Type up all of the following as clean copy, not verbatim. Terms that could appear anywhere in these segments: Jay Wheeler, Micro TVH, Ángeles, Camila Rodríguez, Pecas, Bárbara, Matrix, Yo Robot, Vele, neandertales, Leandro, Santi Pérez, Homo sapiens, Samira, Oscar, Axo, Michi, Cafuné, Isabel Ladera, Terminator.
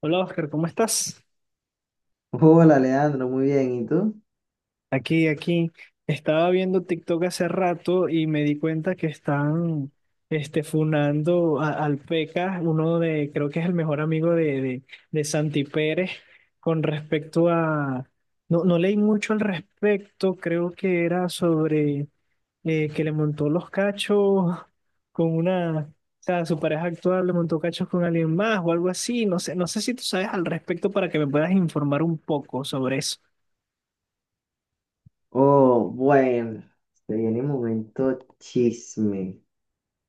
Hola Oscar, ¿cómo estás? Hola Leandro, muy bien, ¿y tú? Aquí. Estaba viendo TikTok hace rato y me di cuenta que están funando al Pecas, creo que es el mejor amigo de Santi Pérez, con respecto a... No, no leí mucho al respecto, creo que era sobre que le montó los cachos con una... O sea, su pareja actual le montó cachos con alguien más o algo así. No sé, no sé si tú sabes al respecto para que me puedas informar un poco sobre eso. Oh, bueno, se viene un momento chisme.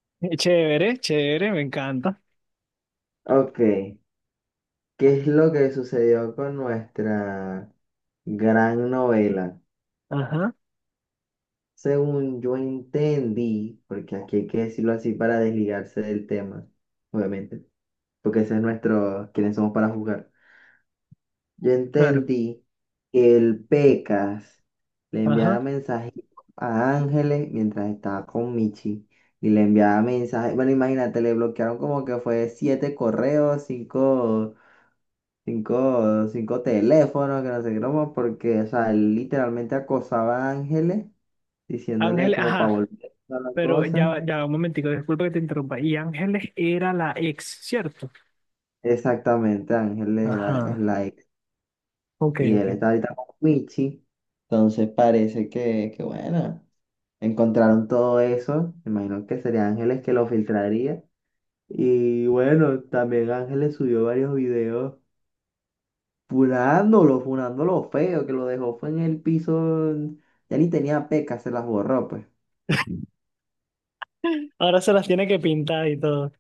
Chévere, chévere, me encanta. Ok, ¿qué es lo que sucedió con nuestra gran novela? Ajá, Según yo entendí, porque aquí hay que decirlo así para desligarse del tema, obviamente, porque ese es nuestro, quiénes somos para jugar. Yo claro. entendí que el Pecas le Ajá. enviaba mensajitos a Ángeles mientras estaba con Michi y le enviaba mensajes. Bueno, imagínate, le bloquearon como que fue siete correos, cinco, cinco teléfonos, que no sé qué broma, porque, o sea, él literalmente acosaba a Ángeles diciéndole Ángeles, como para ajá. volver a la Pero cosa. Un momentico, disculpa que te interrumpa. Y Ángeles era la ex, ¿cierto? Exactamente, Ángeles es Ajá. la ex Ok, y él ok. está ahorita con Michi, entonces parece que, bueno, encontraron todo eso, me imagino que sería Ángeles que lo filtraría. Y bueno, también Ángeles subió varios videos funándolo, funándolo feo, que lo dejó fue en el piso, ya ni tenía pecas, se las borró pues. Ahora se las tiene que pintar y todo.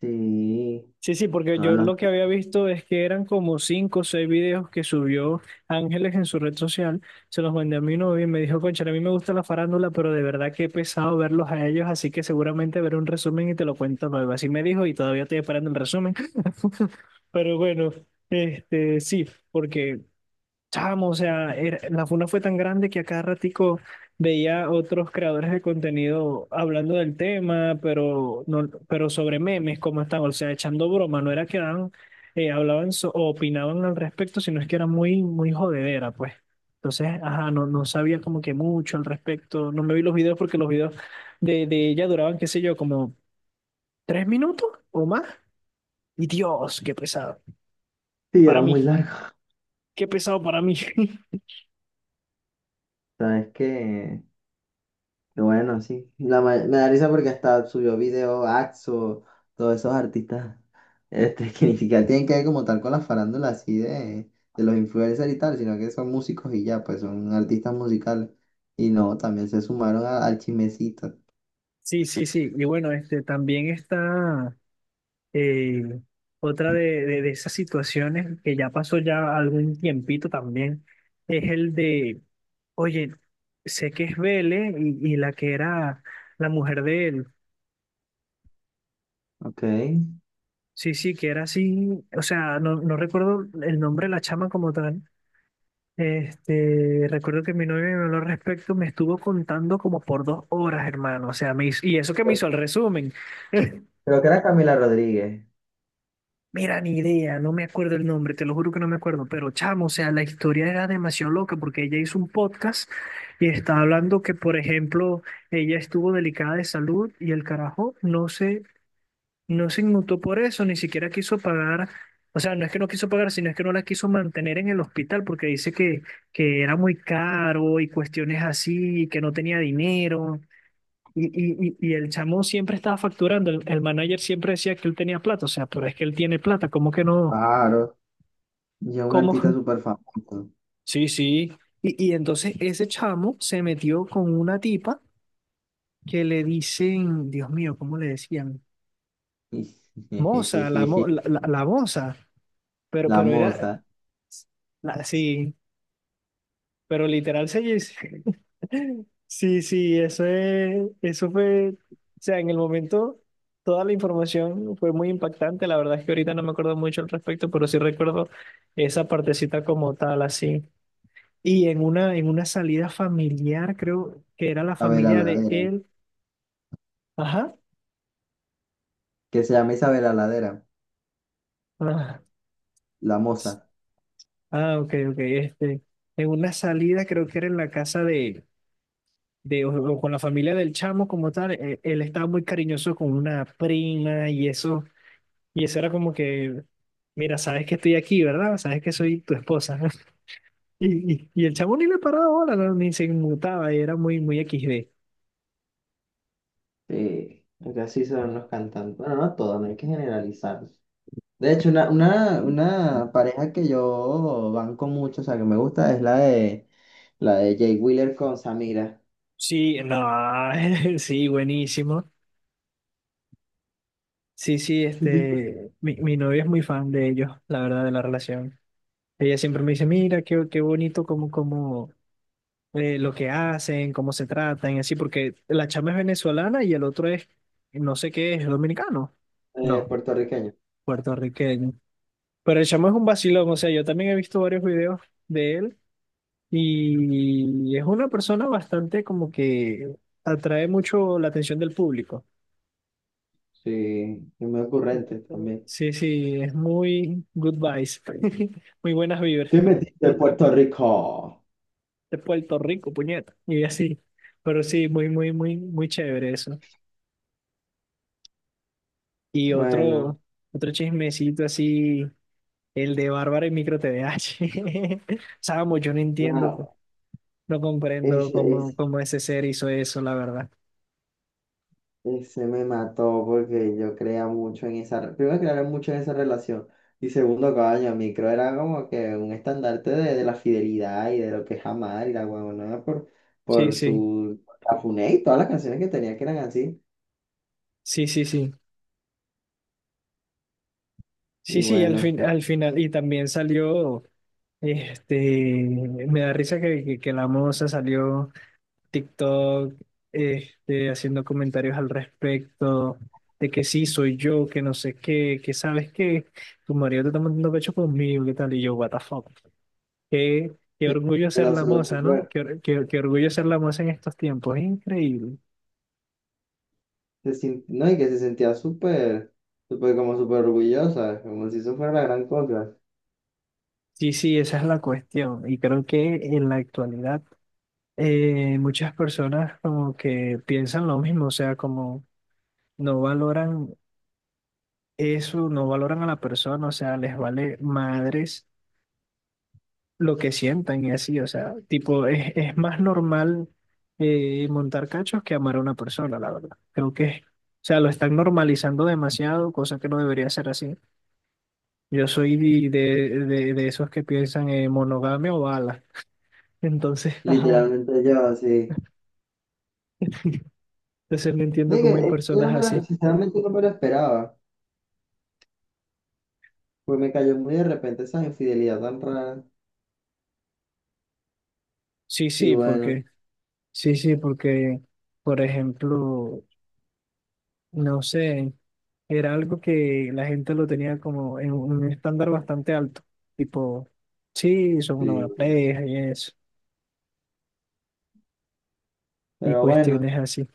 Sí, Sí, sí, porque no, yo no. lo que había visto es que eran como cinco o seis videos que subió Ángeles en su red social. Se los mandé a mi novio y me dijo, concha, a mí me gusta la farándula, pero de verdad que he pesado verlos a ellos, así que seguramente veré un resumen y te lo cuento luego. Así me dijo y todavía estoy esperando el resumen. Pero bueno, sí, porque, chamo, o sea, la funa fue tan grande que a cada ratico veía otros creadores de contenido hablando del tema, pero, no, pero sobre memes, cómo están, o sea, echando broma, no era que eran, hablaban o opinaban al respecto, sino es que era muy, muy jodedera, pues. Entonces, ajá, no, no sabía como que mucho al respecto, no me vi los videos porque los videos de ella duraban, qué sé yo, como tres minutos o más, y Dios, qué pesado, Sí, era para mí. muy largo. Qué pesado para mí. ¿Sabes que qué bueno? Sí. Me da risa porque hasta subió video Axo, todos esos artistas que ni siquiera tienen que ver como tal con la farándula así de los influencers y tal, sino que son músicos y ya, pues son artistas musicales. Y no, también se sumaron al chismecito. Sí, sí, sí. Y bueno, este también está eh, otra de esas situaciones que ya pasó ya algún tiempito también, es el de, oye, sé que es Vele y la que era la mujer de él. Ok. Sí, sí, que era así. O sea, no, no recuerdo el nombre de la chama como tal. Este, recuerdo que mi novia me habló al respecto, me estuvo contando como por dos horas, hermano. O sea, y eso que me hizo el resumen. Creo que era Camila Rodríguez. Mira, ni idea, no me acuerdo el nombre, te lo juro que no me acuerdo, pero chamo, o sea, la historia era demasiado loca porque ella hizo un podcast y estaba hablando que, por ejemplo, ella estuvo delicada de salud y el carajo no se inmutó por eso, ni siquiera quiso pagar, o sea, no es que no quiso pagar, sino es que no la quiso mantener en el hospital porque dice que era muy caro y cuestiones así, y que no tenía dinero. Y, y el chamo siempre estaba facturando, el manager siempre decía que él tenía plata, o sea, pero es que él tiene plata, ¿cómo que no? Claro. Yo un Como, artista súper famoso. sí, sí. Y entonces ese chamo se metió con una tipa que le dicen, Dios mío, ¿cómo le decían? Moza, la moza. La Pero era, moza. Sí, pero literal se dice. Sí, sí, eso es, eso fue, o sea, en el momento toda la información fue muy impactante. La verdad es que ahorita no me acuerdo mucho al respecto, pero sí recuerdo esa partecita como tal, así. Y en una salida familiar, creo que era la Isabel familia de Ladera. él. Ajá. Que se llama Isabel Ladera. Ah, La moza. ah, ok, ok. Este, en una salida, creo que era en la casa de, o con la familia del chamo como tal. Él estaba muy cariñoso con una prima y eso era como que, mira, sabes que estoy aquí, ¿verdad? Sabes que soy tu esposa. Y, y el chamo ni le paraba bola, no, ni se inmutaba, y era muy, muy XD. Sí, porque así son los cantantes. Bueno, no todos, no hay que generalizar. De hecho, una pareja que yo banco mucho, o sea, que me gusta, es la de Jay Wheeler con Samira. Sí, no, sí, buenísimo. Sí, sí, Sí. este, mi novia es muy fan de ellos, la verdad, de la relación. Ella siempre me dice, mira, qué, qué bonito cómo, cómo, lo que hacen, cómo se tratan y así, porque la chama es venezolana y el otro es, no sé qué, es dominicano. No, Puertorriqueño. puertorriqueño. Pero el chamo es un vacilón, o sea, yo también he visto varios videos de él y es una persona bastante como que atrae mucho la atención del público. Sí, y muy ocurrente también. Sí, sí, es muy good vibes, muy buenas vibras ¿Qué metiste en Puerto Rico? de Puerto Rico, puñeta, y así. Pero sí, muy, muy, muy, muy chévere eso. Y Bueno, otro, otro chismecito así, el de Bárbara y Micro TVH. Samo, yo no entiendo, pues, nada. no comprendo cómo, cómo ese ser hizo eso, la verdad. Y se me mató porque yo creía mucho en esa, primero creía mucho en esa relación, y segundo, coño, a mí creo era como que un estandarte de la fidelidad y de lo que es amar y la huevonada Sí, por sí, su Cafuné y todas las canciones que tenía que eran así. sí, sí, sí. Y Sí, sí, al bueno, fin, al final, y también salió, este, me da risa que la moza salió. TikTok, este, haciendo comentarios al respecto, de que sí, soy yo, que no sé qué, que sabes que tu marido te está mandando pecho conmigo, qué tal, y yo, what the fuck, qué, qué de- orgullo ser la la subió moza, ¿no? súper, Qué, qué, qué orgullo ser la moza en estos tiempos, es increíble. se sin- no, y que se sentía súper, súper, como súper orgullosa, como si eso fuera la gran cosa. Sí, sí, esa es la cuestión, y creo que en la actualidad muchas personas como que piensan lo mismo, o sea, como no valoran eso, no valoran a la persona, o sea, les vale madres lo que sientan y así, o sea, tipo, es más normal montar cachos que amar a una persona, la verdad. Creo que, o sea, lo están normalizando demasiado, cosa que no debería ser así. Yo soy de esos que piensan en monogamia o ala. Entonces, ajá, Literalmente yo, así. entonces no No, entiendo y que, cómo hay yo personas así. sinceramente no me lo esperaba. Pues me cayó muy de repente esa infidelidad tan rara. Sí, Y sí, bueno. porque, sí, sí, porque, por ejemplo, no sé, era algo que la gente lo tenía como en un estándar bastante alto, tipo, sí, son una Sí, buena pareja y eso, y pero bueno, cuestiones así.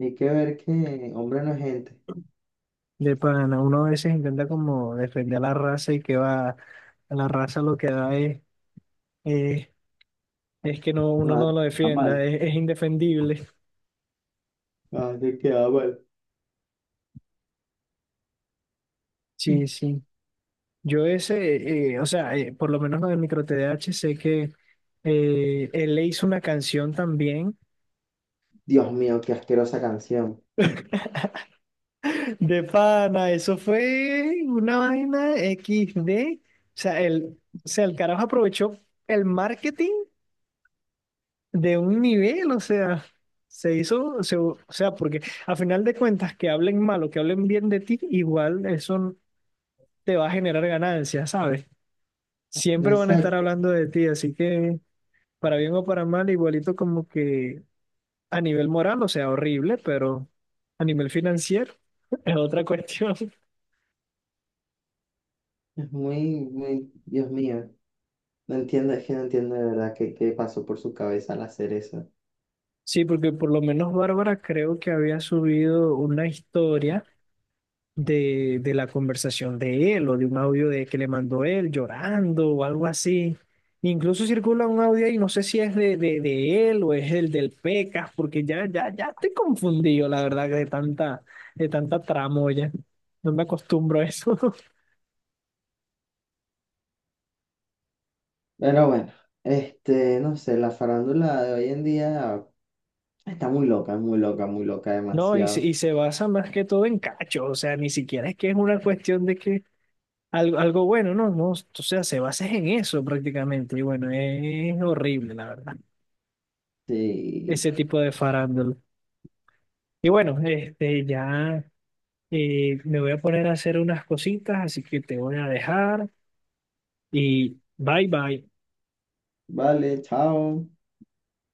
hay que ver que hombre no es gente. De pana, uno a veces intenta como defender a la raza y que va, a la raza lo que da es, es que no, uno No, no lo está defienda, mal. Es indefendible. Ah, te queda mal. Sí, sí. Yo ese, o sea, por lo menos lo del micro TDAH sé que él le hizo una canción también. Dios mío, qué asquerosa canción. De pana, eso fue una vaina XD. O sea, el carajo aprovechó el marketing de un nivel, o sea, o sea, porque a final de cuentas, que hablen mal o que hablen bien de ti, igual eso te va a generar ganancias, ¿sabes? Siempre van a estar Exacto. hablando de ti, así que para bien o para mal, igualito como que a nivel moral, o sea, horrible, pero a nivel financiero es otra cuestión. Es muy, muy, Dios mío. No entiendo, es que no entiendo de verdad qué, qué pasó por su cabeza al hacer eso. Sí, porque por lo menos Bárbara creo que había subido una historia de la conversación de él o de un audio de que le mandó él llorando o algo así. Incluso circula un audio ahí, no sé si es de él o es el del Pecas, porque ya estoy confundido, la verdad, de tanta tramoya. No me acostumbro a eso. Pero bueno, este, no sé, la farándula de hoy en día está muy loca, muy loca, muy loca, No, demasiado. y se basa más que todo en cacho, o sea, ni siquiera es que es una cuestión de que algo, algo bueno, ¿no? No, o sea, se basa en eso prácticamente. Y bueno, es horrible, la verdad, Sí. ese tipo de farándula. Y bueno, este, ya me voy a poner a hacer unas cositas, así que te voy a dejar y bye bye. Vale, chao.